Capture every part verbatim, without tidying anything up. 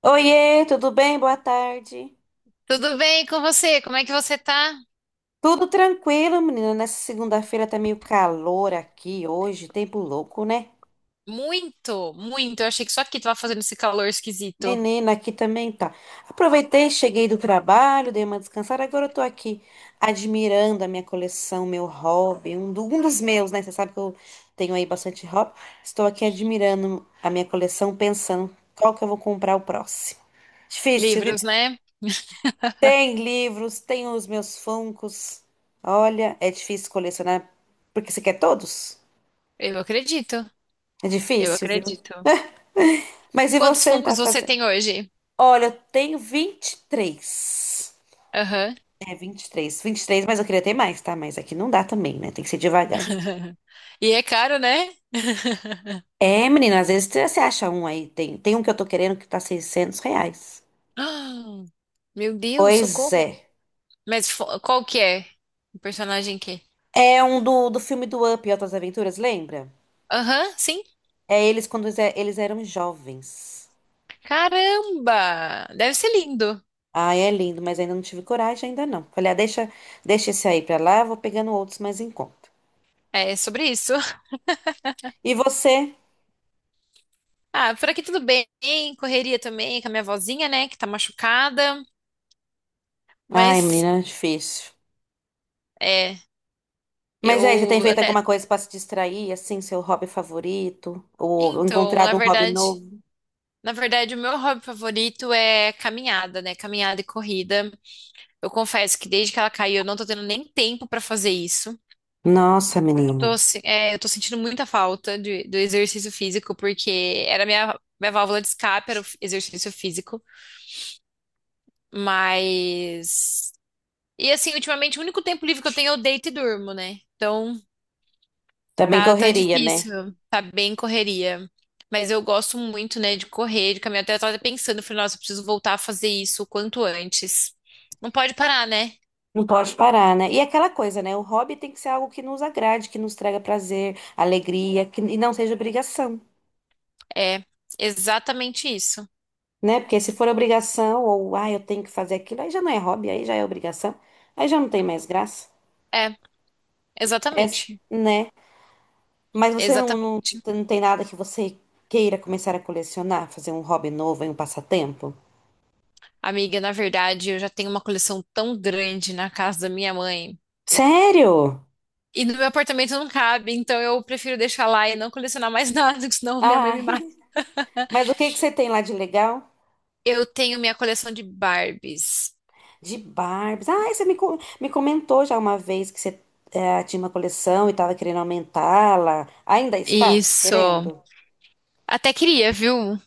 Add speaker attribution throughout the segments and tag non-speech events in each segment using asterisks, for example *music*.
Speaker 1: Oiê, tudo bem? Boa tarde.
Speaker 2: Tudo bem com você? Como é que você tá?
Speaker 1: Tudo tranquilo, menina. Nessa segunda-feira tá meio calor aqui hoje, tempo louco, né?
Speaker 2: Muito, muito. Eu achei que só aqui tava fazendo esse calor esquisito.
Speaker 1: Menina, aqui também tá. Aproveitei, cheguei do trabalho, dei uma descansada. Agora eu tô aqui admirando a minha coleção, meu hobby, um, do- um dos meus, né? Você sabe que eu tenho aí bastante hobby. Estou aqui admirando a minha coleção, pensando qual que eu vou comprar o próximo. Difícil, viu?
Speaker 2: Livros, né?
Speaker 1: Tem livros, tem os meus Funkos. Olha, é difícil colecionar porque você quer todos?
Speaker 2: Eu acredito.
Speaker 1: É
Speaker 2: Eu
Speaker 1: difícil, viu?
Speaker 2: acredito.
Speaker 1: Mas e
Speaker 2: Quantos
Speaker 1: você tá
Speaker 2: Funkos você
Speaker 1: fazendo?
Speaker 2: tem hoje?
Speaker 1: Olha, eu tenho vinte e três.
Speaker 2: Aham.
Speaker 1: É vinte vinte e três, vinte e três. Mas eu queria ter mais, tá? Mas aqui não dá também, né? Tem que ser devagar.
Speaker 2: *laughs* E é caro, né? *gasps*
Speaker 1: É, menina, às vezes você acha um aí. Tem, tem um que eu tô querendo que tá seiscentos reais.
Speaker 2: Ah, meu Deus,
Speaker 1: Pois
Speaker 2: socorro.
Speaker 1: é.
Speaker 2: Mas fo- qual que é? O personagem que?
Speaker 1: É um do, do filme do Up e Outras Aventuras, lembra?
Speaker 2: Aham, sim.
Speaker 1: É eles quando eles é- eles eram jovens.
Speaker 2: Caramba! Deve ser lindo.
Speaker 1: Ah, é lindo, mas ainda não tive coragem, ainda não. Falei, ah, deixa, deixa esse aí pra lá, eu vou pegando outros mais em conta.
Speaker 2: É sobre isso. *laughs*
Speaker 1: E você?
Speaker 2: Ah, por aqui tudo bem. Correria também com a minha vozinha, né, que tá machucada.
Speaker 1: Ai,
Speaker 2: Mas
Speaker 1: menina, é difícil.
Speaker 2: é,
Speaker 1: Mas aí, você tem
Speaker 2: eu
Speaker 1: feito
Speaker 2: até.
Speaker 1: alguma coisa pra se distrair, assim, seu hobby favorito? Ou
Speaker 2: Então, na
Speaker 1: encontrado um hobby
Speaker 2: verdade,
Speaker 1: novo?
Speaker 2: na verdade, o meu hobby favorito é caminhada, né? Caminhada e corrida. Eu confesso que desde que ela caiu, eu não tô tendo nem tempo pra fazer isso.
Speaker 1: Nossa,
Speaker 2: Eu
Speaker 1: menina.
Speaker 2: tô, se- é, eu tô sentindo muita falta de- do exercício físico, porque era minha, minha válvula de escape, era o f- exercício físico. Mas. E assim, ultimamente, o único tempo livre que eu tenho é eu deito e durmo, né? Então.
Speaker 1: Também
Speaker 2: Tá, tá
Speaker 1: correria, né?
Speaker 2: difícil, tá bem correria. Mas eu gosto muito, né, de correr, de caminhar. Até eu tava pensando, falei, nossa, eu preciso voltar a fazer isso o quanto antes. Não pode parar, né?
Speaker 1: Não pode parar, né? E aquela coisa, né? O hobby tem que ser algo que nos agrade, que nos traga prazer, alegria, que, e não seja obrigação.
Speaker 2: É, exatamente isso.
Speaker 1: Né? Porque se for obrigação ou ah, eu tenho que fazer aquilo, aí já não é hobby, aí já é obrigação, aí já não tem mais graça,
Speaker 2: É,
Speaker 1: é,
Speaker 2: exatamente.
Speaker 1: né? Mas você não, não,
Speaker 2: Exatamente.
Speaker 1: não tem nada que você queira começar a colecionar, fazer um hobby novo, aí um passatempo?
Speaker 2: Amiga, na verdade, eu já tenho uma coleção tão grande na casa da minha mãe.
Speaker 1: Sério?
Speaker 2: E no meu apartamento não cabe, então eu prefiro deixar lá e não colecionar mais *laughs* nada, porque senão minha mãe
Speaker 1: Ah,
Speaker 2: me mata.
Speaker 1: *laughs* mas o que que você tem lá de legal?
Speaker 2: Eu tenho minha coleção de Barbies.
Speaker 1: De Barbies. Ah, você me, co- me comentou já uma vez que você eh, tinha uma coleção e estava querendo aumentá-la. Ainda está
Speaker 2: Isso.
Speaker 1: querendo?
Speaker 2: Até queria, viu?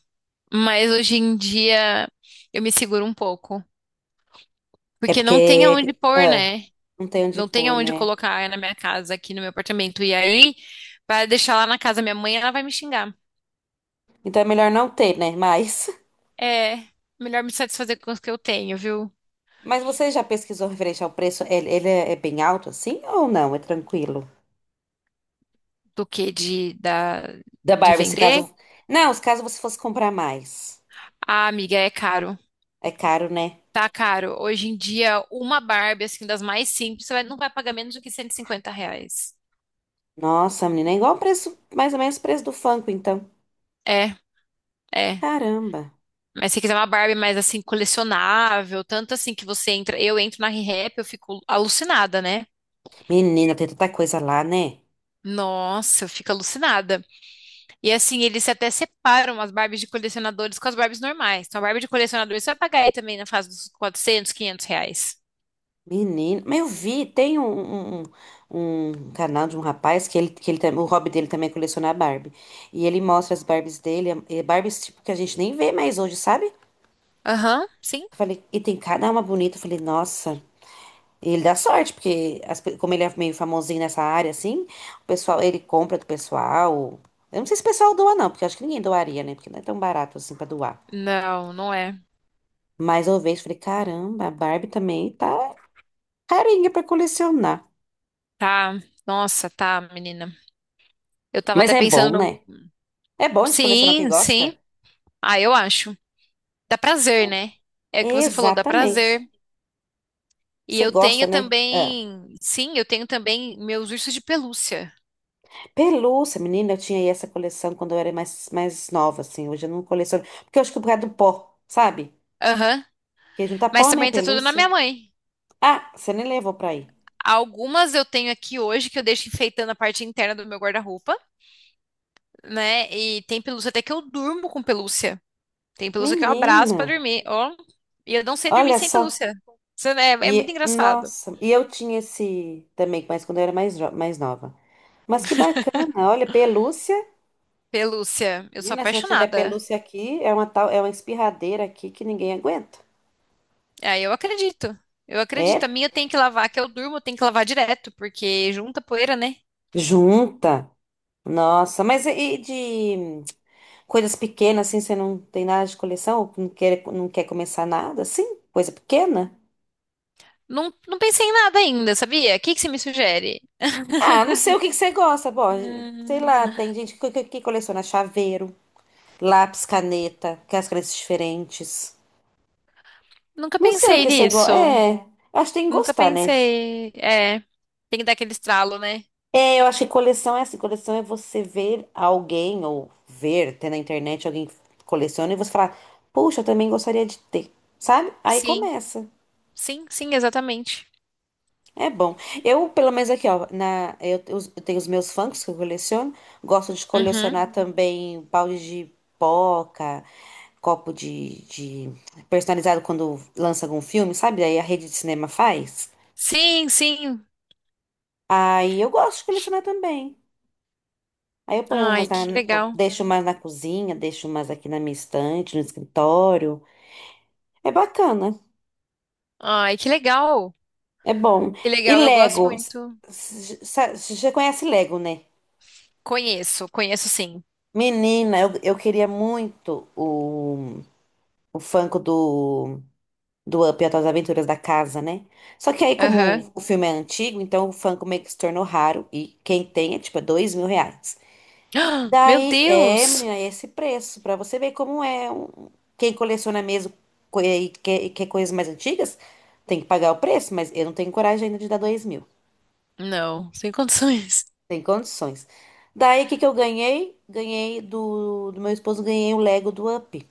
Speaker 2: Mas hoje em dia eu me seguro um pouco.
Speaker 1: É
Speaker 2: Porque não tem aonde
Speaker 1: porque
Speaker 2: pôr,
Speaker 1: ah,
Speaker 2: né?
Speaker 1: não tem onde
Speaker 2: Não tem
Speaker 1: pôr,
Speaker 2: aonde
Speaker 1: né?
Speaker 2: colocar na minha casa, aqui no meu apartamento. E aí, para deixar lá na casa da minha mãe, ela vai me xingar.
Speaker 1: Então é melhor não ter, né? Mas.
Speaker 2: É melhor me satisfazer com os que eu tenho, viu?
Speaker 1: Mas você já pesquisou referente ao preço? Ele, ele é é bem alto assim ou não? É tranquilo?
Speaker 2: Do que de, da,
Speaker 1: Da
Speaker 2: de
Speaker 1: Barbie, se
Speaker 2: vender.
Speaker 1: caso. Não, se caso você fosse comprar mais.
Speaker 2: Ah, amiga, é caro.
Speaker 1: É caro, né?
Speaker 2: Tá caro. Hoje em dia, uma Barbie, assim, das mais simples, você vai- não vai pagar menos do que cento e cinquenta reais.
Speaker 1: Nossa, menina, é igual o preço, mais ou menos o preço do Funko, então.
Speaker 2: É, é.
Speaker 1: Caramba.
Speaker 2: Mas se quiser uma Barbie mais assim, colecionável, tanto assim que você entra, eu entro na Rehap, eu fico alucinada, né?
Speaker 1: Menina, tem tanta coisa lá, né?
Speaker 2: Nossa, eu fico alucinada. E assim, eles até separam as Barbies de colecionadores com as Barbies normais. Então, a Barbie de colecionador você vai pagar aí também na fase dos quatrocentos quinhentos reais.
Speaker 1: Menina. Mas eu vi, tem um, um, um- um canal de um rapaz que ele, que ele, tam- o hobby dele também é colecionar Barbie. E ele mostra as Barbies dele, é- é Barbies tipo que a gente nem vê mais hoje, sabe?
Speaker 2: Aham, sim.
Speaker 1: Falei, e tem cada uma bonita. Eu falei, nossa. E ele dá sorte, porque as pe- como ele é meio famosinho nessa área, assim, o pessoal, ele compra do pessoal. Eu não sei se o pessoal doa, não, porque eu acho que ninguém doaria, né? Porque não é tão barato assim pra doar.
Speaker 2: Não, não é.
Speaker 1: Mas eu vejo, e falei, caramba, a Barbie também tá carinha pra colecionar.
Speaker 2: Tá. Nossa, tá, menina. Eu tava
Speaker 1: Mas
Speaker 2: até
Speaker 1: é
Speaker 2: pensando
Speaker 1: bom,
Speaker 2: no...
Speaker 1: né? É bom de colecionar o que
Speaker 2: Sim,
Speaker 1: gosta?
Speaker 2: sim. Ah, eu acho. Dá prazer, né? É o que
Speaker 1: É,
Speaker 2: você falou, dá
Speaker 1: exatamente.
Speaker 2: prazer. E
Speaker 1: Você
Speaker 2: eu
Speaker 1: gosta,
Speaker 2: tenho
Speaker 1: né? Ah.
Speaker 2: também, sim, eu tenho também meus ursos de pelúcia.
Speaker 1: Pelúcia, menina, eu tinha aí essa coleção quando eu era mais, mais nova, assim. Hoje eu não coleciono. Porque eu acho que é por causa do pó, sabe?
Speaker 2: Aham.
Speaker 1: Que juntar pó,
Speaker 2: Mas
Speaker 1: né?
Speaker 2: também tá tudo na
Speaker 1: Pelúcia.
Speaker 2: minha mãe.
Speaker 1: Ah, você nem levou pra aí.
Speaker 2: Algumas eu tenho aqui hoje que eu deixo enfeitando a parte interna do meu guarda-roupa, né? E tem pelúcia até que eu durmo com pelúcia. Tem pelúcia que eu abraço
Speaker 1: Menina,
Speaker 2: pra dormir, ó. E eu não sei dormir
Speaker 1: olha
Speaker 2: sem
Speaker 1: só.
Speaker 2: pelúcia. Isso. É, é muito
Speaker 1: E,
Speaker 2: engraçado.
Speaker 1: nossa, e eu tinha esse também, mas quando eu era mais, jo- mais nova. Mas que bacana, olha, pelúcia.
Speaker 2: Pelúcia, eu sou
Speaker 1: Menina, se eu tiver
Speaker 2: apaixonada.
Speaker 1: pelúcia aqui, é uma tal, é uma espirradeira aqui que ninguém aguenta.
Speaker 2: Aí eu acredito. Eu acredito.
Speaker 1: É,
Speaker 2: A minha eu tenho que lavar, que eu durmo, eu tenho que lavar direto, porque junta poeira, né?
Speaker 1: junta. Nossa, mas e e de coisas pequenas, assim, você não tem nada de coleção? Não quer, não quer começar nada, assim? Coisa pequena?
Speaker 2: Não, não pensei em nada ainda, sabia? O que que você me sugere?
Speaker 1: Ah, não sei o que que você gosta, bom, sei
Speaker 2: Hum,
Speaker 1: lá, tem gente que, que- que coleciona chaveiro, lápis, caneta, que é as cores diferentes.
Speaker 2: Nunca
Speaker 1: Não sei o
Speaker 2: pensei
Speaker 1: que você gosta.
Speaker 2: nisso.
Speaker 1: É, acho que tem que
Speaker 2: Nunca
Speaker 1: gostar, né?
Speaker 2: pensei. É, tem que dar aquele estralo, né?
Speaker 1: É, eu acho que coleção é assim, coleção é você ver alguém ou ver, ter na internet alguém que coleciona e você falar, puxa, eu também gostaria de ter, sabe? Aí
Speaker 2: Sim,
Speaker 1: começa.
Speaker 2: sim, sim, exatamente.
Speaker 1: É bom. Eu, pelo menos aqui, ó, na, eu, te- os- Eu tenho os meus Funkos que eu coleciono. Gosto de
Speaker 2: Uhum.
Speaker 1: colecionar também balde de pipoca, copo de, de- personalizado quando lança algum filme, sabe? Aí a rede de cinema faz.
Speaker 2: Sim, sim.
Speaker 1: Aí eu gosto de colecionar também. Aí eu ponho
Speaker 2: Ai,
Speaker 1: umas na,
Speaker 2: que
Speaker 1: eu
Speaker 2: legal.
Speaker 1: deixo umas na cozinha, deixo umas aqui na minha estante, no escritório. É bacana,
Speaker 2: Ai, que legal.
Speaker 1: é bom.
Speaker 2: Que
Speaker 1: E
Speaker 2: legal, eu gosto
Speaker 1: Lego,
Speaker 2: muito.
Speaker 1: você conhece Lego, né?
Speaker 2: Conheço, conheço sim.
Speaker 1: Menina, eu, eu queria muito o, o Funko do, do Up e as Aventuras da Casa, né? Só que aí,
Speaker 2: Aham.
Speaker 1: como o filme é antigo, então o Funko meio que se tornou raro. E quem tem é tipo é dois mil reais.
Speaker 2: *gasps* Ah, meu
Speaker 1: Daí, é,
Speaker 2: Deus!
Speaker 1: menina, é esse preço, pra você ver como é. um- Quem coleciona mesmo co- e quer, e quer coisas mais antigas, tem que pagar o preço, mas eu não tenho coragem ainda de dar dois mil.
Speaker 2: Não, sem condições.
Speaker 1: Tem condições. Daí, o que que eu ganhei? Ganhei do, do meu esposo, ganhei o Lego do Up.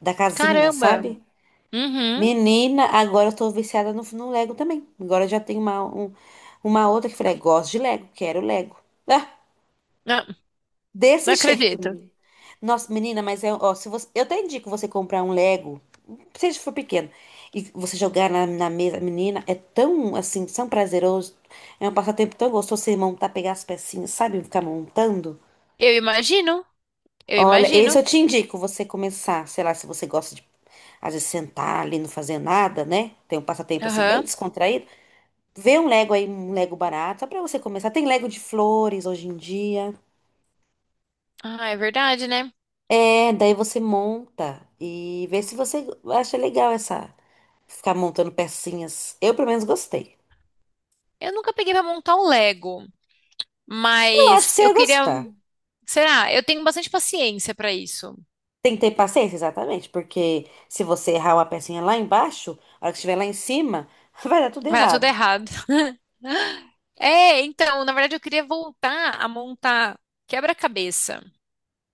Speaker 1: Da casinha,
Speaker 2: Caramba!
Speaker 1: sabe?
Speaker 2: Uhum.
Speaker 1: Menina, agora eu tô viciada no, no Lego também. Agora eu já tenho uma, um- uma outra que eu falei, gosto de Lego, quero Lego. Ah,
Speaker 2: Não, não
Speaker 1: desse *laughs* jeito,
Speaker 2: acredito.
Speaker 1: menina. Nossa, menina, mas é, ó, se você, eu até indico você comprar um Lego, seja for pequeno, e você jogar na, na mesa, menina, é tão, assim, tão prazeroso, é um passatempo tão gostoso você montar, pegar as pecinhas, sabe? Ficar montando.
Speaker 2: Eu imagino, eu
Speaker 1: Olha, esse
Speaker 2: imagino.
Speaker 1: eu te indico você começar, sei lá, se você gosta de às vezes sentar ali, não fazer nada, né? Tem um passatempo assim bem
Speaker 2: Aham.
Speaker 1: descontraído. Vê um Lego aí, um Lego barato, só pra você começar. Tem Lego de flores hoje em dia.
Speaker 2: Ah, é verdade, né?
Speaker 1: É, daí você monta e vê se você acha legal essa ficar montando pecinhas. Eu pelo menos gostei.
Speaker 2: Eu nunca peguei pra montar um Lego,
Speaker 1: Eu acho que
Speaker 2: mas
Speaker 1: você
Speaker 2: eu
Speaker 1: ia
Speaker 2: queria.
Speaker 1: gostar.
Speaker 2: Será? Eu tenho bastante paciência pra isso.
Speaker 1: Tem que ter paciência, exatamente, porque se você errar uma pecinha lá embaixo, a hora que estiver lá em cima, *laughs* vai dar tudo
Speaker 2: Vai dar tudo
Speaker 1: errado.
Speaker 2: errado. *laughs* É, então, na verdade, eu queria voltar a montar quebra-cabeça.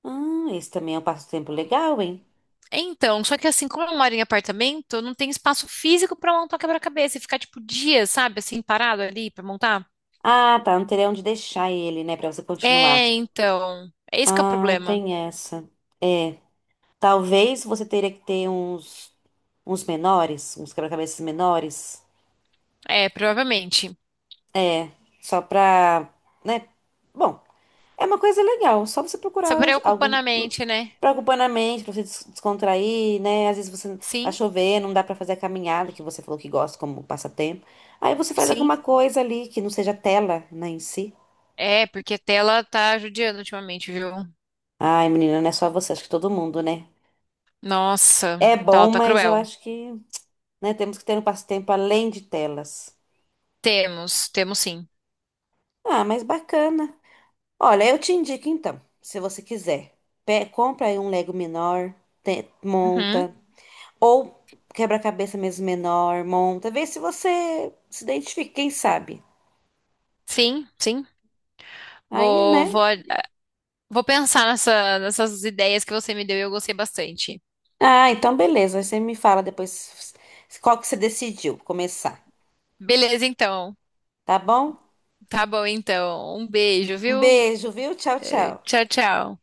Speaker 1: Ah, esse também é um passatempo legal, hein?
Speaker 2: Então, só que assim, como eu moro em apartamento, não tem espaço físico pra montar quebra-cabeça e ficar tipo dias, sabe, assim, parado ali pra montar.
Speaker 1: Ah, tá, não teria onde deixar ele, né, pra você continuar.
Speaker 2: É, então, é esse que é o
Speaker 1: Ah,
Speaker 2: problema.
Speaker 1: tem essa. É. Talvez você teria que ter uns, uns menores, uns quebra-cabeças menores.
Speaker 2: É, provavelmente.
Speaker 1: É. Só pra, né? Bom, é uma coisa legal. Só você
Speaker 2: Só
Speaker 1: procurar
Speaker 2: preocupando a
Speaker 1: algo hum,
Speaker 2: mente, né?
Speaker 1: pra ocupar na mente, pra você des- descontrair, né? Às vezes você tá
Speaker 2: Sim,
Speaker 1: chovendo, não dá pra fazer a caminhada que você falou que gosta como passatempo. Aí você faz
Speaker 2: sim,
Speaker 1: alguma coisa ali que não seja tela, né, em si.
Speaker 2: é, porque tela tá judiando ultimamente, viu?
Speaker 1: Ai, menina, não é só você, acho que todo mundo, né?
Speaker 2: Nossa,
Speaker 1: É
Speaker 2: tela
Speaker 1: bom,
Speaker 2: tá
Speaker 1: mas eu
Speaker 2: cruel.
Speaker 1: acho que né? Temos que ter um passatempo além de telas.
Speaker 2: Temos, temos sim.
Speaker 1: Ah, mas bacana. Olha, eu te indico então, se você quiser, pe- compra aí um Lego menor, te-
Speaker 2: Uhum,
Speaker 1: monta, ou quebra-cabeça mesmo menor, monta, vê se você se identifica, quem sabe.
Speaker 2: sim, sim.
Speaker 1: Aí,
Speaker 2: Vou,
Speaker 1: né?
Speaker 2: vou, vou pensar nessa- nessas ideias que você me deu e eu gostei bastante.
Speaker 1: Ah, então beleza, aí você me fala depois s- qual que você decidiu começar,
Speaker 2: Beleza, então.
Speaker 1: tá bom?
Speaker 2: Tá bom, então. Um beijo,
Speaker 1: Um
Speaker 2: viu?
Speaker 1: beijo, viu? Tchau, tchau.
Speaker 2: Tchau, tchau.